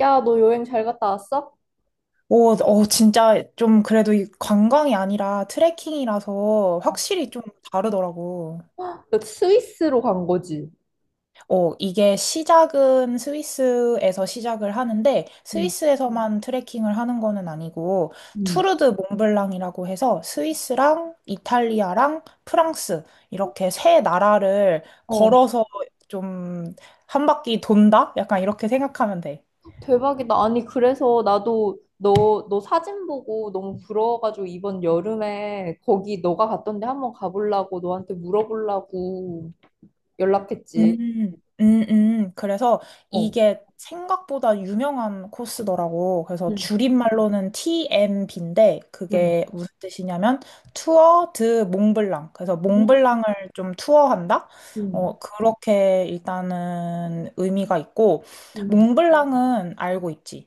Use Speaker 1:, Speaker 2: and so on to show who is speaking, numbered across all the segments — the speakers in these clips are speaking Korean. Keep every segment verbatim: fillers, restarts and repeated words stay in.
Speaker 1: 야, 너 여행 잘 갔다 왔어?
Speaker 2: 오, 어, 진짜 좀 그래도 이 관광이 아니라 트레킹이라서 확실히 좀 다르더라고.
Speaker 1: 헉, 너 스위스로 간 거지?
Speaker 2: 어, 이게 시작은 스위스에서 시작을 하는데
Speaker 1: 응.
Speaker 2: 스위스에서만 트레킹을 하는 거는 아니고
Speaker 1: 응.
Speaker 2: 투르드 몽블랑이라고 해서 스위스랑 이탈리아랑 프랑스 이렇게 세 나라를
Speaker 1: 어.
Speaker 2: 걸어서 좀 한 바퀴 돈다? 약간 이렇게 생각하면 돼.
Speaker 1: 대박이다. 아니, 그래서 나도 너, 너 사진 보고 너무 부러워가지고 이번 여름에 거기 너가 갔던 데 한번 가보려고 너한테 물어보려고 연락했지.
Speaker 2: 음, 음, 음. 그래서
Speaker 1: 어.
Speaker 2: 이게 생각보다 유명한 코스더라고. 그래서
Speaker 1: 응
Speaker 2: 줄임말로는 티엠비인데 그게
Speaker 1: 응.
Speaker 2: 무슨 뜻이냐면 투어 드 몽블랑. 그래서
Speaker 1: 응. 응.
Speaker 2: 몽블랑을 좀 투어한다?
Speaker 1: 응.
Speaker 2: 어, 그렇게 일단은 의미가 있고
Speaker 1: 응.
Speaker 2: 몽블랑은 알고 있지.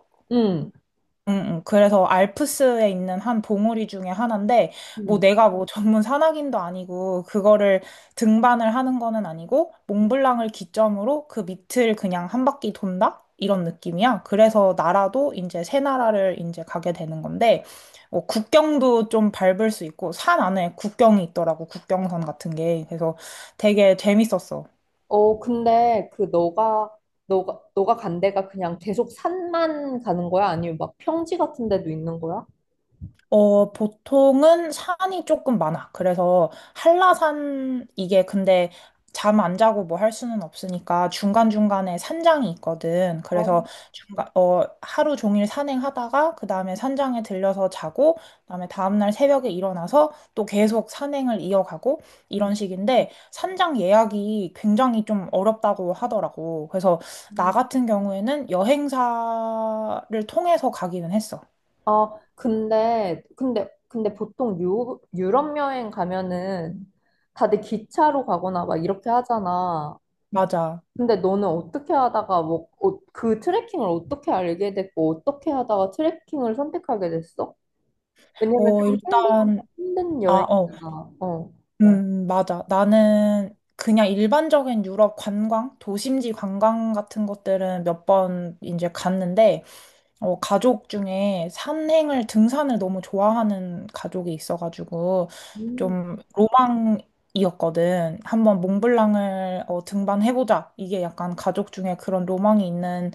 Speaker 2: 응, 응. 그래서 알프스에 있는 한 봉우리 중에 하나인데, 뭐
Speaker 1: 응.
Speaker 2: 내가 뭐 전문 산악인도 아니고, 그거를 등반을 하는 거는 아니고, 몽블랑을 기점으로 그 밑을 그냥 한 바퀴 돈다? 이런 느낌이야. 그래서 나라도 이제 세 나라를 이제 가게 되는 건데, 어, 국경도 좀 밟을 수 있고, 산 안에 국경이 있더라고, 국경선 같은 게. 그래서 되게 재밌었어.
Speaker 1: 어, 근데 그 너가, 너가, 너가 간 데가 그냥 계속 산만 가는 거야? 아니면 막 평지 같은 데도 있는 거야?
Speaker 2: 어, 보통은 산이 조금 많아. 그래서 한라산, 이게 근데 잠 안 자고 뭐 할 수는 없으니까 중간중간에 산장이 있거든. 그래서
Speaker 1: 어.
Speaker 2: 중간, 어, 하루 종일 산행하다가 그 다음에 산장에 들려서 자고, 그 다음에 다음날 새벽에 일어나서 또 계속 산행을 이어가고 이런 식인데 산장 예약이 굉장히 좀 어렵다고 하더라고. 그래서 나
Speaker 1: 음.
Speaker 2: 같은 경우에는 여행사를 통해서 가기는 했어.
Speaker 1: 아, 근데, 근데, 근데 보통 유, 유럽 여행 가면은 다들 기차로 가거나 막 이렇게 하잖아.
Speaker 2: 맞아.
Speaker 1: 근데 너는 어떻게 하다가 뭐, 어, 그 트레킹을 어떻게 알게 됐고, 어떻게 하다가 트레킹을 선택하게 됐어? 왜냐면
Speaker 2: 어,
Speaker 1: 좀 힘든,
Speaker 2: 일단,
Speaker 1: 힘든
Speaker 2: 아, 어,
Speaker 1: 여행이잖아. 어.
Speaker 2: 음, 맞아. 나는 그냥 일반적인 유럽 관광, 도심지 관광 같은 것들은 몇 번 이제 갔는데, 어, 가족 중에 산행을, 등산을 너무 좋아하는 가족이 있어가지고,
Speaker 1: 음.
Speaker 2: 좀 로망이었거든. 한번 몽블랑을 어, 등반해보자. 이게 약간 가족 중에 그런 로망이 있는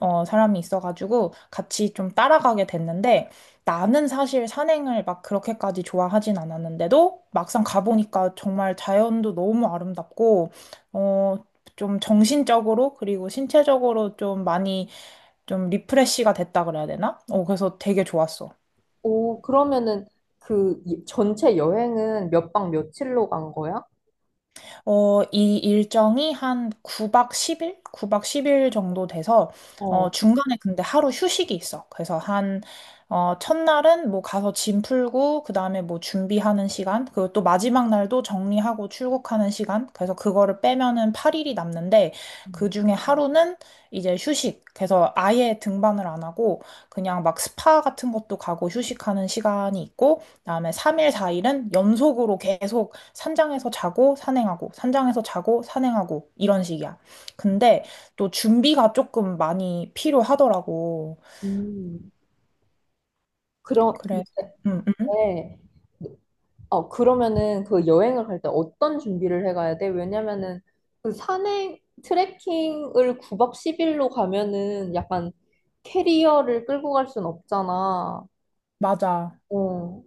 Speaker 2: 어, 사람이 있어가지고, 같이 좀 따라가게 됐는데, 나는 사실 산행을 막 그렇게까지 좋아하진 않았는데도 막상 가보니까 정말 자연도 너무 아름답고, 어, 좀 정신적으로 그리고 신체적으로 좀 많이 좀 리프레시가 됐다 그래야 되나? 어, 그래서 되게 좋았어.
Speaker 1: 오, 그러면은 그 이- 전체 여행은 몇 박 며칠로 간 거야?
Speaker 2: 어, 이 일정이 한 구 박 십 일? 구 박 십 일 정도 돼서, 어,
Speaker 1: 어.
Speaker 2: 중간에 근데 하루 휴식이 있어. 그래서 한, 어, 첫날은 뭐 가서 짐 풀고, 그 다음에 뭐 준비하는 시간, 그리고 또 마지막 날도 정리하고 출국하는 시간. 그래서 그거를 빼면은 팔 일이 남는데, 그 중에 하루는 이제 휴식. 그래서 아예 등반을 안 하고, 그냥 막 스파 같은 것도 가고 휴식하는 시간이 있고, 그다음에 삼 일, 사 일은 연속으로 계속 산장에서 자고 산행하고 산장에서 자고 산행하고 이런 식이야. 근데 또 준비가 조금 많이 필요하더라고.
Speaker 1: 음. 그런,
Speaker 2: 그래서 음, 음.
Speaker 1: 근데, 어, 그러면은 그 여행을 갈 때 어떤 준비를 해가야 돼? 왜냐면은 그 산행, 트레킹을 구 박 십 일로 가면은 약간 캐리어를 끌고 갈 순 없잖아.
Speaker 2: 맞아.
Speaker 1: 어.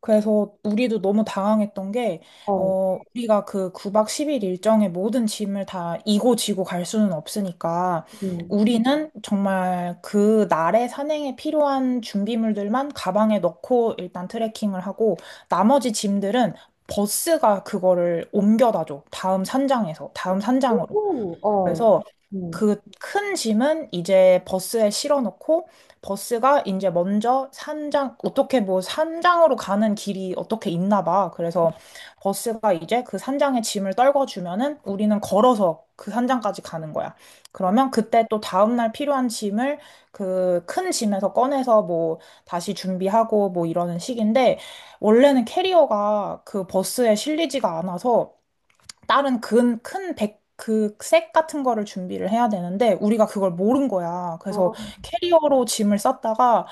Speaker 2: 그래서 우리도 너무 당황했던 게,
Speaker 1: 어.
Speaker 2: 어, 우리가 그 구 박 십 일 일정의 모든 짐을 다 이고 지고 갈 수는 없으니까,
Speaker 1: 음.
Speaker 2: 우리는 정말 그 날의 산행에 필요한 준비물들만 가방에 넣고 일단 트레킹을 하고, 나머지 짐들은 버스가 그거를 옮겨다 줘. 다음 산장에서, 다음 산장으로.
Speaker 1: 오.
Speaker 2: 음.
Speaker 1: 어.
Speaker 2: 그래서
Speaker 1: 음.
Speaker 2: 그 큰 짐은 이제 버스에 실어놓고 버스가 이제 먼저 산장 어떻게 뭐 산장으로 가는 길이 어떻게 있나 봐. 그래서 버스가 이제 그 산장에 짐을 떨궈주면은 우리는 걸어서 그 산장까지 가는 거야. 그러면 그때 또 다음날 필요한 짐을 그 큰 짐에서 꺼내서 뭐 다시 준비하고 뭐 이러는 식인데 원래는 캐리어가 그 버스에 실리지가 않아서 다른 큰, 큰 백, 그색 같은 거를 준비를 해야 되는데 우리가 그걸 모른 거야. 그래서
Speaker 1: 아.
Speaker 2: 캐리어로 짐을 쌌다가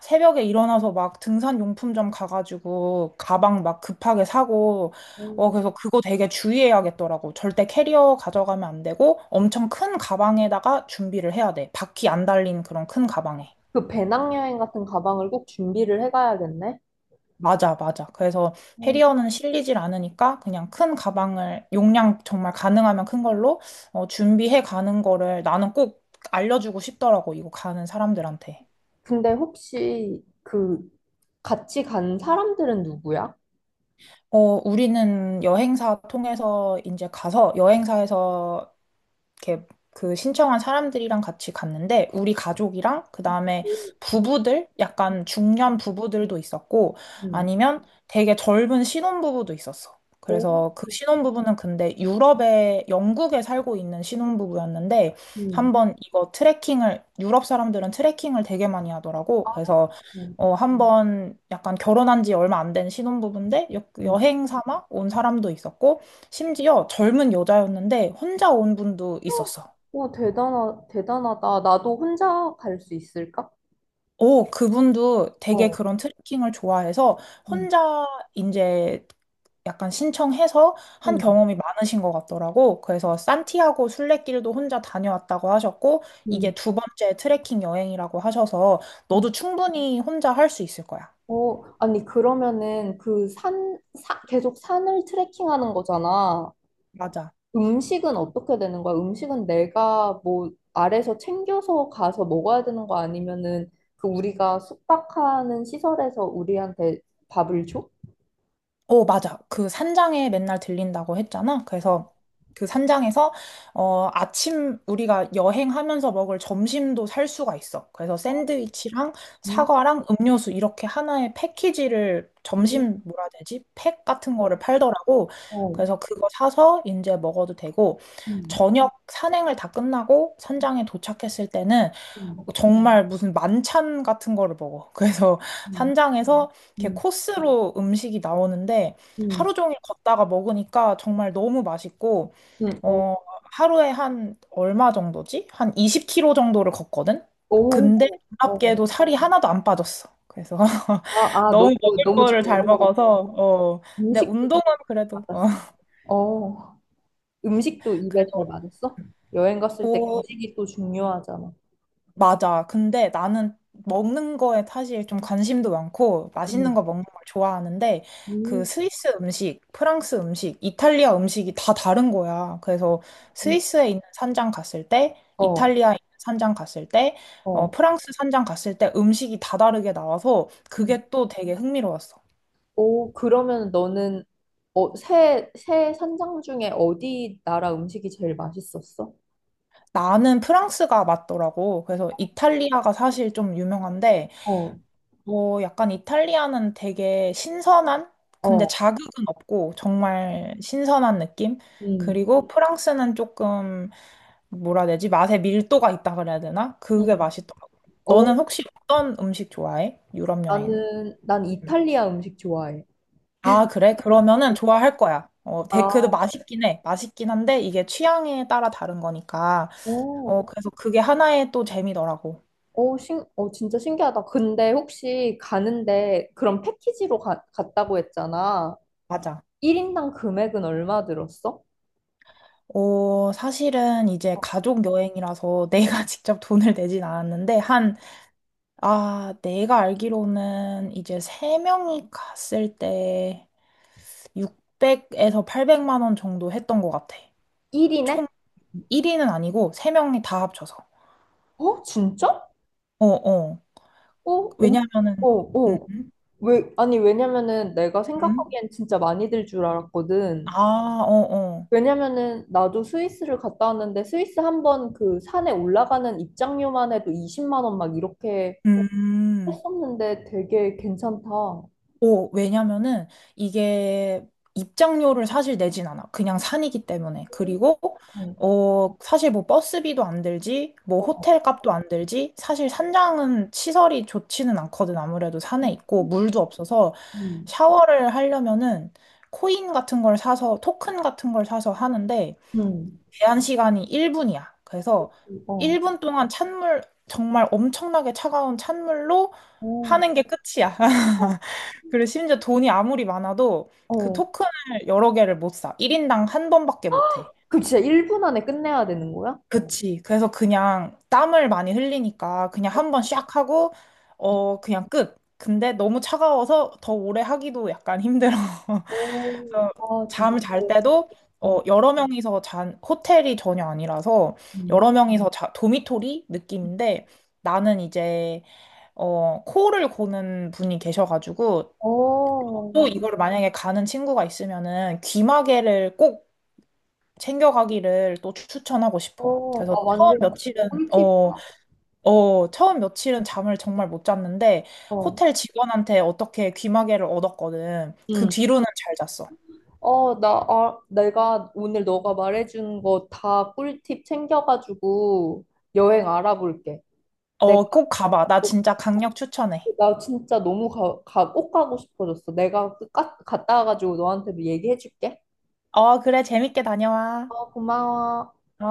Speaker 2: 새벽에 일어나서 막 등산 용품점 가가지고 가방 막 급하게 사고 어
Speaker 1: 음.
Speaker 2: 그래서 그거 되게 주의해야겠더라고. 절대 캐리어 가져가면 안 되고 엄청 큰 가방에다가 준비를 해야 돼. 바퀴 안 달린 그런 큰 가방에.
Speaker 1: 그 배낭여행 같은 가방을 꼭 준비를 해가야겠네.
Speaker 2: 맞아, 맞아. 그래서 해
Speaker 1: 음.
Speaker 2: 리어는 실리질 않으니까 그냥 큰 가방을 용량 정말 가능하면 큰 걸로 어, 준비해 가는 거를 나는 꼭 알려주고 싶더라고, 이거 가는 사람들한테.
Speaker 1: 근데 혹시 그 같이 간 사람들은 누구야?
Speaker 2: 어, 우리는 여행사 통해서 이제 가서 여행사에서 이렇게 그 신청한 사람들이랑 같이 갔는데 우리 가족이랑 그다음에
Speaker 1: 음.
Speaker 2: 부부들 약간 중년 부부들도 있었고
Speaker 1: 음.
Speaker 2: 아니면 되게 젊은 신혼부부도 있었어.
Speaker 1: 오.
Speaker 2: 그래서 그 신혼부부는 근데 유럽에 영국에 살고 있는 신혼부부였는데
Speaker 1: 음.
Speaker 2: 한번 이거 트레킹을 유럽 사람들은 트레킹을 되게 많이 하더라고.
Speaker 1: 아.
Speaker 2: 그래서 어 한번 약간 결혼한 지 얼마 안 된 신혼부부인데 여,
Speaker 1: 음.
Speaker 2: 여행 삼아 온 사람도 있었고 심지어 젊은 여자였는데 혼자 온 분도 있었어.
Speaker 1: 오, 대단하, 대단하다. 나도 혼자 갈 수 있을까?
Speaker 2: 오, 그분도 되게
Speaker 1: 어.
Speaker 2: 그런 트레킹을 좋아해서
Speaker 1: 음.
Speaker 2: 혼자 이제 약간 신청해서 한
Speaker 1: 음.
Speaker 2: 경험이 많으신 것 같더라고. 그래서 산티아고 순례길도 혼자 다녀왔다고 하셨고, 이게
Speaker 1: 음.
Speaker 2: 두 번째 트레킹 여행이라고 하셔서
Speaker 1: 음.
Speaker 2: 너도 충분히 혼자 할 수 있을 거야.
Speaker 1: 어, 아니, 그러면은 그 산, 사, 계속 산을 트레킹하는 거잖아.
Speaker 2: 맞아.
Speaker 1: 음식은 어떻게 되는 거야? 음식은 내가 뭐 아래서 챙겨서 가서 먹어야 되는 거 아니면은 그 우리가 숙박하는 시설에서 우리한테 밥을 줘?
Speaker 2: 어, 맞아. 그 산장에 맨날 들린다고 했잖아. 그래서 그 산장에서 어, 아침 우리가 여행하면서 먹을 점심도 살 수가 있어. 그래서 샌드위치랑
Speaker 1: 음.
Speaker 2: 사과랑 음료수 이렇게 하나의 패키지를
Speaker 1: 음.
Speaker 2: 점심 뭐라 해야 되지? 팩 같은
Speaker 1: 어.
Speaker 2: 거를 팔더라고.
Speaker 1: 어.
Speaker 2: 그래서 그거 사서 이제 먹어도 되고
Speaker 1: 음.
Speaker 2: 저녁 산행을 다 끝나고 산장에 도착했을 때는
Speaker 1: 음.
Speaker 2: 정말 무슨 만찬 같은 거를 먹어. 그래서
Speaker 1: 음.
Speaker 2: 산장에서 이렇게
Speaker 1: 음.
Speaker 2: 코스로 음식이 나오는데
Speaker 1: 음.
Speaker 2: 하루 종일 걷다가 먹으니까 정말 너무 맛있고
Speaker 1: 음.
Speaker 2: 어, 하루에 한 얼마 정도지? 한 이십 킬로미터 정도를 걷거든?
Speaker 1: 오.
Speaker 2: 근데
Speaker 1: 어.
Speaker 2: 놀랍게도 살이 하나도 안 빠졌어. 그래서
Speaker 1: 아, 아,
Speaker 2: 너무
Speaker 1: 너무,
Speaker 2: 먹을
Speaker 1: 너무 잘
Speaker 2: 거를 잘
Speaker 1: 먹어. 었
Speaker 2: 먹어서 어, 근데
Speaker 1: 음식도 잘
Speaker 2: 운동은 그래도 어,
Speaker 1: 맞았어? 어, 음식도 입에 잘 맞았어? 여행 갔을 때
Speaker 2: 그래도
Speaker 1: 음식이 또 중요하잖아.
Speaker 2: 맞아. 근데 나는 먹는 거에 사실 좀 관심도 많고 맛있는
Speaker 1: 응.
Speaker 2: 거 먹는 걸 좋아하는데 그
Speaker 1: 음.
Speaker 2: 스위스 음식, 프랑스 음식, 이탈리아 음식이 다 다른 거야. 그래서
Speaker 1: 음.
Speaker 2: 스위스에 있는 산장 갔을 때,
Speaker 1: 어.
Speaker 2: 이탈리아에 있는 산장 갔을 때, 어,
Speaker 1: 어.
Speaker 2: 프랑스 산장 갔을 때 음식이 다 다르게 나와서
Speaker 1: 음.
Speaker 2: 그게 또 되게 흥미로웠어.
Speaker 1: 오, 그러면 너는 어, 새, 새 산장 중에 어디 나라 음식이 제일 맛있었어?
Speaker 2: 나는 프랑스가 맞더라고. 그래서 이탈리아가 사실 좀 유명한데
Speaker 1: 어.
Speaker 2: 어, 약간 이탈리아는 되게 신선한? 근데
Speaker 1: 어.
Speaker 2: 자극은 없고 정말 신선한 느낌?
Speaker 1: 음.
Speaker 2: 그리고 프랑스는 조금 뭐라 해야 되지? 맛에 밀도가 있다 그래야 되나? 그게
Speaker 1: 음.
Speaker 2: 맛있더라고. 너는
Speaker 1: 어,
Speaker 2: 혹시 어떤 음식 좋아해? 유럽 여행.
Speaker 1: 나는, 난
Speaker 2: 음.
Speaker 1: 이탈리아 음식 좋아해.
Speaker 2: 아, 그래? 그러면은 좋아할 거야. 어, 되 그래도
Speaker 1: 아.
Speaker 2: 맛있긴 해. 맛있긴 한데 이게 취향에 따라 다른 거니까. 어,
Speaker 1: 어.
Speaker 2: 그래서 그게 하나의 또 재미더라고.
Speaker 1: 오, 신, 어, 진짜 신기하다. 근데 혹시 가는데 그런 패키지로 가, 갔다고 했잖아.
Speaker 2: 맞아.
Speaker 1: 일 인당 금액은 얼마 들었어?
Speaker 2: 어, 사실은 이제
Speaker 1: 어.
Speaker 2: 가족 여행이라서 내가 직접 돈을 내진 않았는데, 한, 아, 내가 알기로는 이제 세명이 갔을 때 육백에서 팔백만 원 정도 했던 것 같아.
Speaker 1: 일 인에?
Speaker 2: 총 일 위는 아니고, 세명이다 합쳐서.
Speaker 1: 어, 진짜?
Speaker 2: 어, 어.
Speaker 1: 어. 어.
Speaker 2: 왜냐면은,
Speaker 1: 어.
Speaker 2: 음,
Speaker 1: 어.
Speaker 2: 음,
Speaker 1: 왜, 아니, 왜냐면은 내가
Speaker 2: 음.
Speaker 1: 생각하기엔 진짜 많이 들 줄 알았거든.
Speaker 2: 아, 어, 어.
Speaker 1: 왜냐면은 나도 스위스를 갔다 왔는데 스위스 한 번 그 산에 올라가는 입장료만 해도 이십만 원 막 이렇게
Speaker 2: 음.
Speaker 1: 했었는데 되게 괜찮다. 어.
Speaker 2: 오 왜냐면은 이게 입장료를 사실 내진 않아. 그냥 산이기 때문에. 그리고
Speaker 1: 어.
Speaker 2: 어, 사실 뭐 버스비도 안 들지, 뭐 호텔 값도 안 들지. 사실 산장은 시설이 좋지는 않거든. 아무래도 산에 있고 물도 없어서
Speaker 1: 음.
Speaker 2: 샤워를 하려면은 코인 같은 걸 사서 토큰 같은 걸 사서 하는데
Speaker 1: 음.
Speaker 2: 제한 시간이 일 분이야. 그래서
Speaker 1: 어.
Speaker 2: 일 분 동안 찬물, 정말 엄청나게 차가운 찬물로
Speaker 1: 오.
Speaker 2: 하는 게 끝이야.
Speaker 1: 어.
Speaker 2: 그리고 심지어 돈이 아무리 많아도 그
Speaker 1: 어.
Speaker 2: 토큰을 여러 개를 못 사. 일 인당 한 번밖에 못 해.
Speaker 1: 그럼 진짜 일 분 안에 끝내야 되는 거야?
Speaker 2: 그치. 그래서 그냥 땀을 많이 흘리니까 그냥 한 번 샥 하고, 어, 그냥 끝. 근데 너무 차가워서 더 오래 하기도 약간 힘들어.
Speaker 1: 오,
Speaker 2: 그래서
Speaker 1: 아, 진짜.
Speaker 2: 잠을 잘
Speaker 1: 네.
Speaker 2: 때도
Speaker 1: 네.
Speaker 2: 어, 여러 명이서 잔, 호텔이 전혀 아니라서
Speaker 1: 음.
Speaker 2: 여러 명이서 자, 도미토리 느낌인데 나는 이제 어, 코를 고는 분이 계셔가지고
Speaker 1: 오.
Speaker 2: 또 이걸 만약에 가는 친구가 있으면은 귀마개를 꼭 챙겨가기를 또 추천하고 싶어.
Speaker 1: 오,
Speaker 2: 그래서
Speaker 1: 아,
Speaker 2: 처음
Speaker 1: 완전
Speaker 2: 며칠은
Speaker 1: 꿀팁.
Speaker 2: 어, 어, 처음 며칠은 잠을 정말 못 잤는데
Speaker 1: 어.
Speaker 2: 호텔 직원한테 어떻게 귀마개를 얻었거든. 그
Speaker 1: 음.
Speaker 2: 뒤로는 잘 잤어.
Speaker 1: 어, 나, 아, 내가 오늘 너가 말해준 거 다 꿀팁 챙겨가지고 여행 알아볼게.
Speaker 2: 어,
Speaker 1: 내가,
Speaker 2: 꼭 가봐. 나
Speaker 1: 어,
Speaker 2: 진짜 강력 추천해.
Speaker 1: 나 진짜 너무 가, 가, 꼭 가고 싶어졌어. 내가 까, 갔다 와가지고 너한테도 얘기해줄게.
Speaker 2: 어, 그래. 재밌게 다녀와.
Speaker 1: 어, 고마워.
Speaker 2: 어.